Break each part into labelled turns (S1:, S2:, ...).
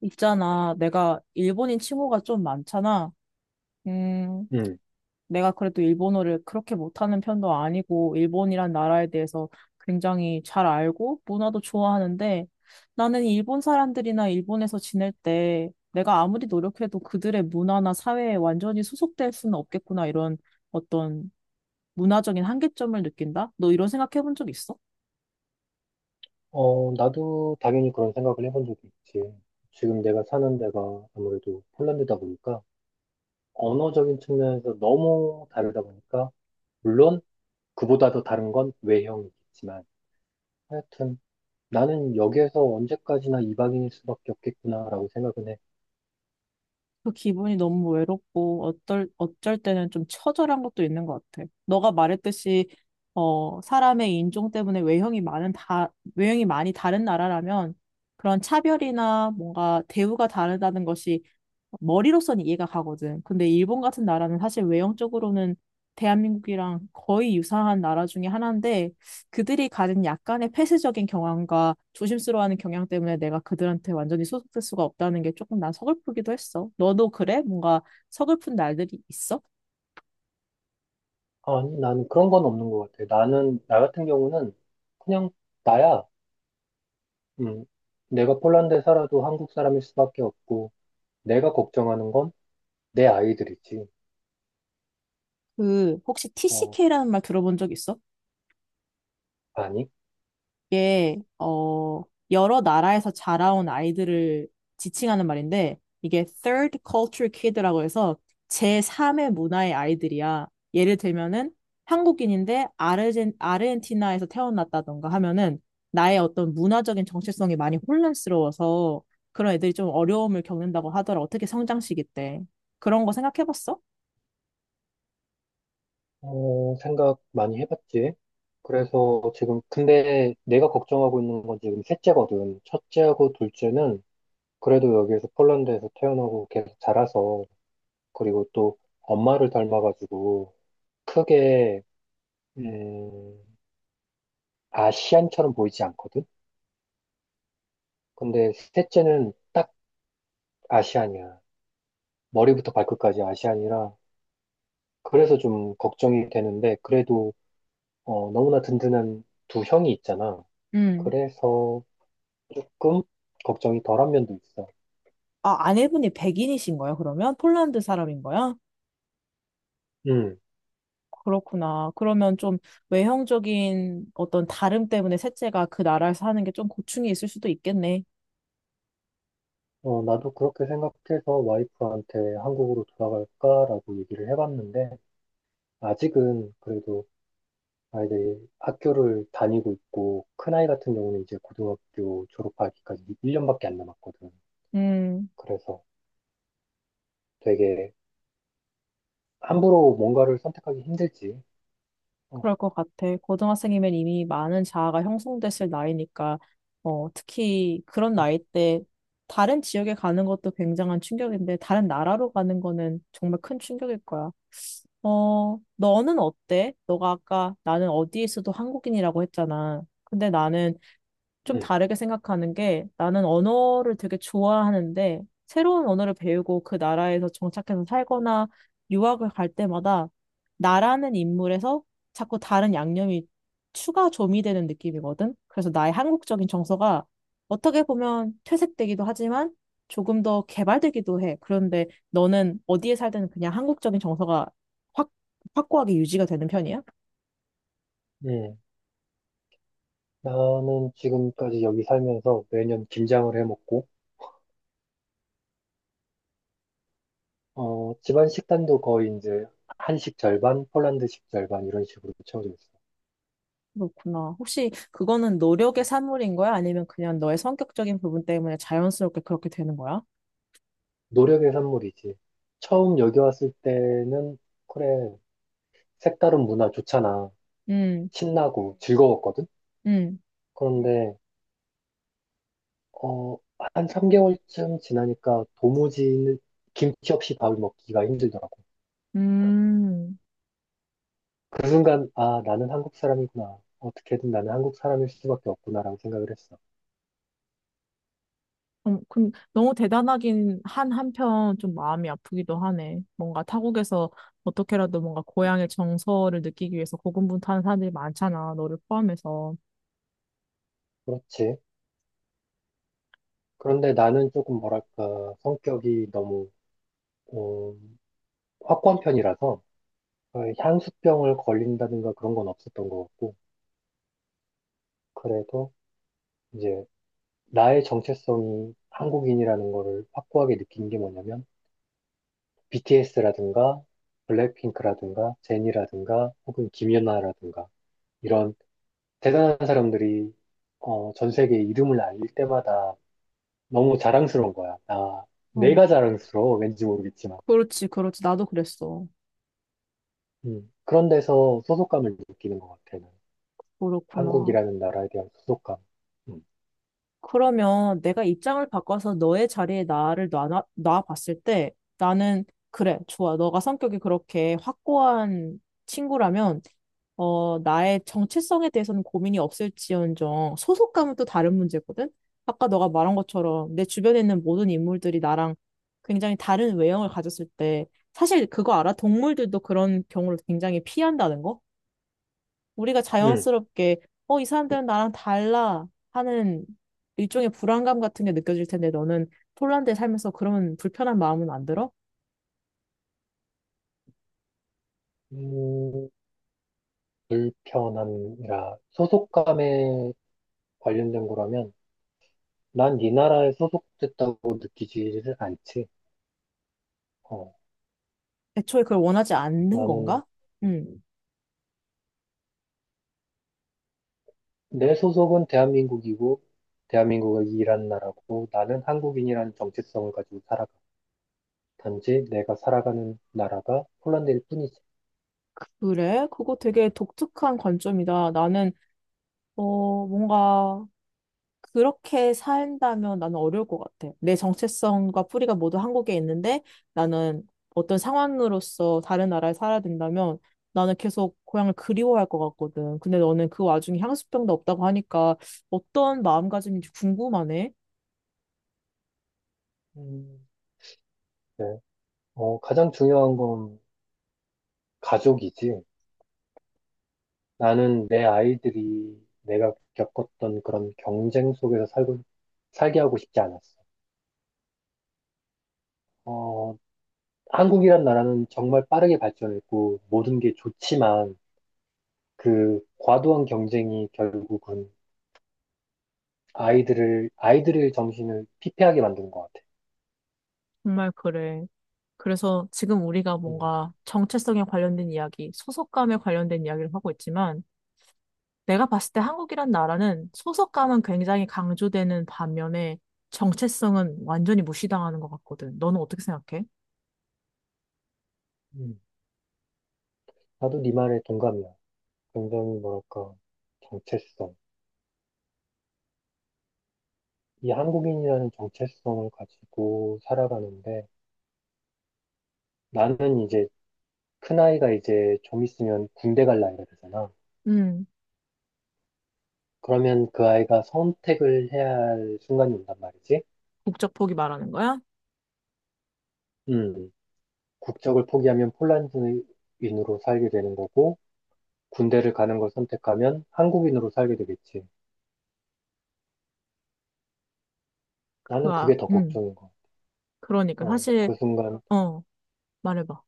S1: 있잖아, 내가 일본인 친구가 좀 많잖아. 음,
S2: 음.
S1: 내가 그래도 일본어를 그렇게 못하는 편도 아니고, 일본이란 나라에 대해서 굉장히 잘 알고, 문화도 좋아하는데, 나는 일본 사람들이나 일본에서 지낼 때, 내가 아무리 노력해도 그들의 문화나 사회에 완전히 소속될 수는 없겠구나, 이런 어떤 문화적인 한계점을 느낀다? 너 이런 생각 해본 적 있어?
S2: 어, 나도 당연히 그런 생각을 해본 적이 있지. 지금 내가 사는 데가 아무래도 폴란드다 보니까 언어적인 측면에서 너무 다르다 보니까 물론 그보다 더 다른 건 외형이겠지만 하여튼 나는 여기에서 언제까지나 이방인일 수밖에 없겠구나라고 생각은 해.
S1: 그 기분이 너무 외롭고 어떨 어쩔 때는 좀 처절한 것도 있는 것 같아. 너가 말했듯이 사람의 인종 때문에 외형이 많은 다 외형이 많이 다른 나라라면 그런 차별이나 뭔가 대우가 다르다는 것이 머리로서는 이해가 가거든. 근데 일본 같은 나라는 사실 외형적으로는 대한민국이랑 거의 유사한 나라 중에 하나인데 그들이 가진 약간의 폐쇄적인 경향과 조심스러워하는 경향 때문에 내가 그들한테 완전히 소속될 수가 없다는 게 조금 난 서글프기도 했어. 너도 그래? 뭔가 서글픈 날들이 있어?
S2: 아니, 나는 그런 건 없는 것 같아. 나 같은 경우는 그냥 나야. 음, 내가 폴란드에 살아도 한국 사람일 수밖에 없고 내가 걱정하는 건 내 아이들이지.
S1: 그 혹시
S2: 어,
S1: TCK라는 말 들어본 적 있어?
S2: 아니.
S1: 이게 여러 나라에서 자라온 아이들을 지칭하는 말인데 이게 Third Culture Kid라고 해서 제3의 문화의 아이들이야. 예를 들면은 한국인인데 아르헨티나에서 태어났다던가 하면은 나의 어떤 문화적인 정체성이 많이 혼란스러워서 그런 애들이 좀 어려움을 겪는다고 하더라. 어떻게 성장시기 때. 그런 거 생각해봤어?
S2: 어, 생각 많이 해봤지. 그래서 근데 내가 걱정하고 있는 건 지금 셋째거든. 첫째하고 둘째는 그래도 여기에서 폴란드에서 태어나고 계속 자라서, 그리고 또 엄마를 닮아가지고 크게, 음, 아시안처럼 보이지 않거든? 근데 셋째는 딱 아시안이야. 머리부터 발끝까지 아시안이라. 그래서 좀 걱정이 되는데, 그래도, 너무나 든든한 두 형이 있잖아.
S1: 음.
S2: 그래서, 조금 걱정이 덜한 면도 있어.
S1: 아, 아내분이 백인이신 거예요, 그러면? 폴란드 사람인 거야?
S2: 음,
S1: 그렇구나. 그러면 좀 외형적인 어떤 다름 때문에 셋째가 그 나라에서 는게 좀 고충이 있을 수도 있겠네.
S2: 나도 그렇게 생각해서 와이프한테 한국으로 돌아갈까라고 얘기를 해봤는데, 아직은 그래도 아이들이 학교를 다니고 있고, 큰아이 같은 경우는 이제 고등학교 졸업하기까지 1년밖에 안 남았거든.
S1: 음.
S2: 그래서 되게 함부로 뭔가를 선택하기 힘들지. 어.
S1: 그럴 것 같아. 고등학생이면 이미 많은 자아가 형성됐을 나이니까, 특히 그런 나이 때 다른 지역에 가는 것도 굉장한 충격인데, 다른 나라로 가는 거는 정말 큰 충격일 거야. 너는 어때? 너가 아까 나는 어디에서도 한국인이라고 했잖아. 근데 나는 좀
S2: 음.
S1: 다르게 생각하는 게 나는 언어를 되게 좋아하는데 새로운 언어를 배우고 그 나라에서 정착해서 살거나 유학을 갈 때마다 나라는 인물에서 자꾸 다른 양념이 추가 조미되는 느낌이거든. 그래서 나의 한국적인 정서가 어떻게 보면 퇴색되기도 하지만 조금 더 개발되기도 해. 그런데 너는 어디에 살든 그냥 한국적인 정서가 확, 확고하게 유지가 되는 편이야?
S2: 음. 나는 지금까지 여기 살면서 매년 김장을 해먹고, 집안 식단도 거의 이제 한식 절반, 폴란드식 절반 이런 식으로 채워져 있어.
S1: 그렇구나. 혹시 그거는 노력의 산물인 거야? 아니면 그냥 너의 성격적인 부분 때문에 자연스럽게 그렇게 되는 거야?
S2: 노력의 산물이지. 처음 여기 왔을 때는 그래 색다른 문화 좋잖아.
S1: 음,
S2: 신나고 즐거웠거든.
S1: 음,
S2: 그런데 어, 한 3개월쯤 지나니까 도무지 김치 없이 밥을 먹기가 힘들더라고.
S1: 음.
S2: 그 순간 아 나는 한국 사람이구나. 어떻게든 나는 한국 사람일 수밖에 없구나라고 생각을 했어.
S1: 그, 너무 대단하긴 한 한편 좀 마음이 아프기도 하네. 뭔가 타국에서 어떻게라도 뭔가 고향의 정서를 느끼기 위해서 고군분투하는 사람들이 많잖아. 너를 포함해서.
S2: 그렇지. 그런데 나는 조금 뭐랄까 성격이 너무 어, 확고한 편이라서 향수병을 걸린다든가 그런 건 없었던 것 같고 그래도 이제 나의 정체성이 한국인이라는 거를 확고하게 느낀 게 뭐냐면 BTS라든가 블랙핑크라든가 제니라든가 혹은 김연아라든가 이런 대단한 사람들이 전 세계에 이름을 알릴 때마다 너무 자랑스러운 거야. 나
S1: 어,
S2: 내가 자랑스러워 왠지 모르겠지만
S1: 그렇지, 그렇지. 나도 그랬어.
S2: 그런 데서 소속감을 느끼는 것 같아. 나는.
S1: 그렇구나.
S2: 한국이라는 나라에 대한 소속감. 음.
S1: 그러면 내가 입장을 바꿔서 너의 자리에 나를 놔봤을 때 나는 그래, 좋아. 너가 성격이 그렇게 확고한 친구라면 나의 정체성에 대해서는 고민이 없을지언정 소속감은 또 다른 문제거든? 아까 너가 말한 것처럼 내 주변에 있는 모든 인물들이 나랑 굉장히 다른 외형을 가졌을 때 사실 그거 알아? 동물들도 그런 경우를 굉장히 피한다는 거? 우리가
S2: 음.
S1: 자연스럽게, 이 사람들은 나랑 달라 하는 일종의 불안감 같은 게 느껴질 텐데 너는 폴란드에 살면서 그런 불편한 마음은 안 들어?
S2: 음, 불편함이라 소속감에 관련된 거라면 난 이 나라에 소속됐다고 느끼지를 않지. 어,
S1: 애초에 그걸 원하지 않는
S2: 나는
S1: 건가? 음,
S2: 내 소속은 대한민국이고 대한민국을 이란 나라고 나는 한국인이라는 정체성을 가지고 살아가. 단지 내가 살아가는 나라가 폴란드일 뿐이지.
S1: 그래? 그거 되게 독특한 관점이다. 나는, 뭔가 그렇게 산다면 나는 어려울 것 같아. 내 정체성과 뿌리가 모두 한국에 있는데 나는 어떤 상황으로서 다른 나라에 살아야 된다면 나는 계속 고향을 그리워할 것 같거든. 근데 너는 그 와중에 향수병도 없다고 하니까 어떤 마음가짐인지 궁금하네.
S2: 음, 네. 가장 중요한 건 가족이지. 나는 내 아이들이 내가 겪었던 그런 경쟁 속에서 살게 하고 싶지 않았어. 어, 한국이란 나라는 정말 빠르게 발전했고 모든 게 좋지만 그 과도한 경쟁이 결국은 아이들을 아이들의 정신을 피폐하게 만드는 것 같아.
S1: 정말 그래. 그래서 지금 우리가
S2: 음.
S1: 뭔가 정체성에 관련된 이야기, 소속감에 관련된 이야기를 하고 있지만 내가 봤을 때 한국이란 나라는 소속감은 굉장히 강조되는 반면에 정체성은 완전히 무시당하는 것 같거든. 너는 어떻게 생각해?
S2: 음. 나도 네 말에 동감이야. 굉장히 뭐랄까 정체성. 이 한국인이라는 정체성을 가지고 살아가는데 나는 이제 큰 아이가 이제 좀 있으면 군대 갈 나이가 되잖아.
S1: 음,
S2: 그러면 그 아이가 선택을 해야 할 순간이 온단 말이지.
S1: 국적 포기 말하는 거야?
S2: 음. 국적을 포기하면 폴란드인으로 살게 되는 거고, 군대를 가는 걸 선택하면 한국인으로 살게 되겠지.
S1: 그,
S2: 나는
S1: 아,
S2: 그게 더 걱정인 거.
S1: 그러니까. 사실,
S2: 그 순간
S1: 어, 말해봐.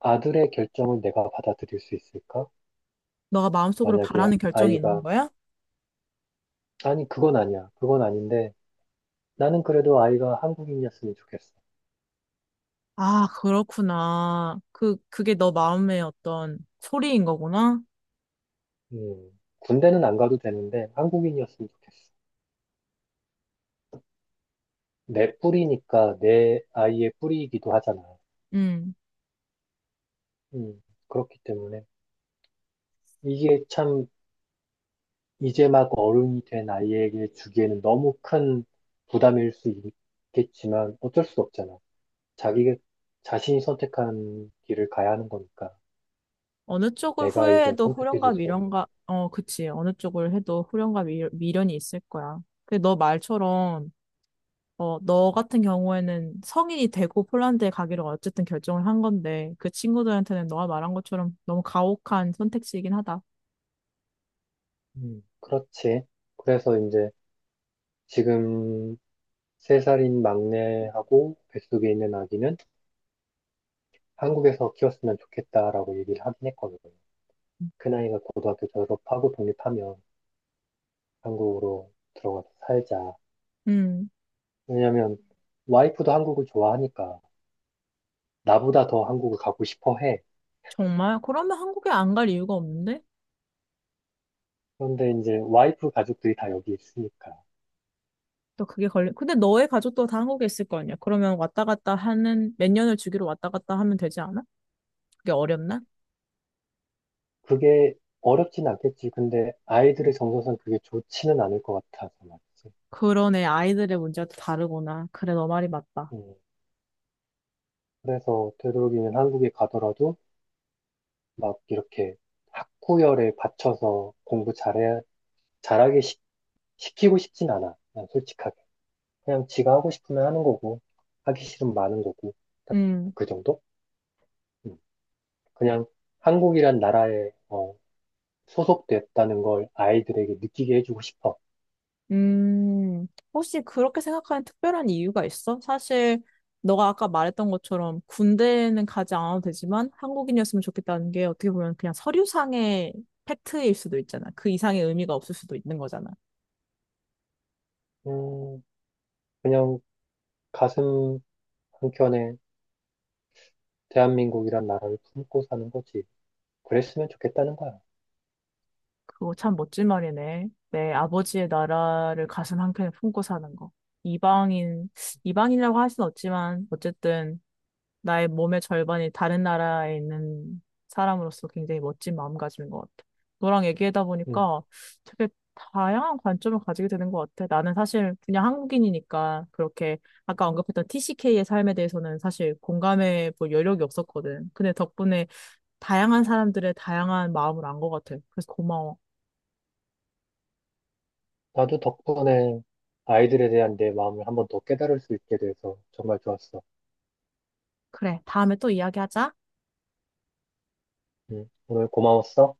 S2: 아들의 결정을 내가 받아들일 수 있을까?
S1: 너가 마음속으로
S2: 만약에
S1: 바라는 결정이 있는
S2: 아이가,
S1: 거야?
S2: 아니, 그건 아니야. 그건 아닌데, 나는 그래도 아이가 한국인이었으면 좋겠어.
S1: 아, 그렇구나. 그게 너 마음의 어떤 소리인 거구나.
S2: 군대는 안 가도 되는데, 한국인이었으면 좋겠어. 내 뿌리니까 내 아이의 뿌리이기도 하잖아.
S1: 음,
S2: 음, 그렇기 때문에. 이게 참 이제 막 어른이 된 아이에게 주기에는 너무 큰 부담일 수 있겠지만 어쩔 수 없잖아. 자기, 자신이 선택한 길을 가야 하는 거니까.
S1: 어느 쪽을
S2: 내가 이제
S1: 후회해도
S2: 선택해
S1: 후련과
S2: 줄 수 없는 거.
S1: 미련과, 그치. 어느 쪽을 해도 후련과 미, 미련이 있을 거야. 근데 너 말처럼 너 같은 경우에는 성인이 되고 폴란드에 가기로 어쨌든 결정을 한 건데, 그 친구들한테는 너가 말한 것처럼 너무 가혹한 선택지이긴 하다.
S2: 그렇지. 그래서 이제 지금 세살인 막내하고 뱃속에 있는 아기는 한국에서 키웠으면 좋겠다라고 얘기를 하긴 했거든요. 큰 아이가 고등학교 졸업하고 독립하면 한국으로 들어가서 살자.
S1: 음,
S2: 왜냐면 와이프도 한국을 좋아하니까. 나보다 더 한국을 가고 싶어 해.
S1: 정말? 그러면 한국에 안 갈 이유가 없는데?
S2: 그런데 이제 와이프 가족들이 다 여기 있으니까.
S1: 또 그게 걸려. 근데 너의 가족도 다 한국에 있을 거 아니야? 그러면 왔다 갔다 하는, 몇 년을 주기로 왔다 갔다 하면 되지 않아? 그게 어렵나?
S2: 그게 어렵진 않겠지. 근데 아이들의 정서상 그게 좋지는 않을 것 같아서 말이지.
S1: 그러네, 아이들의 문제도 다르구나. 그래, 너 말이 맞다.
S2: 음, 그래서 되도록이면 한국에 가더라도 막 이렇게 학구열에 받쳐서 잘하게 키고 싶진 않아. 난 솔직하게. 그냥 지가 하고 싶으면 하는 거고, 하기 싫으면 마는 거고,
S1: 음.
S2: 그 정도? 음, 그냥 한국이란 나라의 소속됐다는 걸 아이들에게 느끼게 해주고 싶어.
S1: 음, 혹시 그렇게 생각하는 특별한 이유가 있어? 사실, 너가 아까 말했던 것처럼 군대는 가지 않아도 되지만 한국인이었으면 좋겠다는 게 어떻게 보면 그냥 서류상의 팩트일 수도 있잖아. 그 이상의 의미가 없을 수도 있는 거잖아.
S2: 음, 그냥 가슴 한켠에 대한민국이란 나라를 품고 사는 거지. 그랬으면 좋겠다는 거야.
S1: 그거 참 멋진 말이네. 내 아버지의 나라를 가슴 한켠에 품고 사는 거. 이방인, 이방인이라고 할 수는 없지만, 어쨌든 나의 몸의 절반이 다른 나라에 있는 사람으로서 굉장히 멋진 마음가짐인 것 같아. 너랑 얘기하다
S2: 음,
S1: 보니까 되게 다양한 관점을 가지게 되는 것 같아. 나는 사실 그냥 한국인이니까 그렇게 아까 언급했던 TCK의 삶에 대해서는 사실 공감해 볼 여력이 없었거든. 근데 덕분에 다양한 사람들의 다양한 마음을 안 것 같아. 그래서 고마워.
S2: 나도 덕분에 아이들에 대한 내 마음을 한번 더 깨달을 수 있게 돼서 정말 좋았어.
S1: 그래, 다음에 또 이야기하자.
S2: 오늘 고마웠어.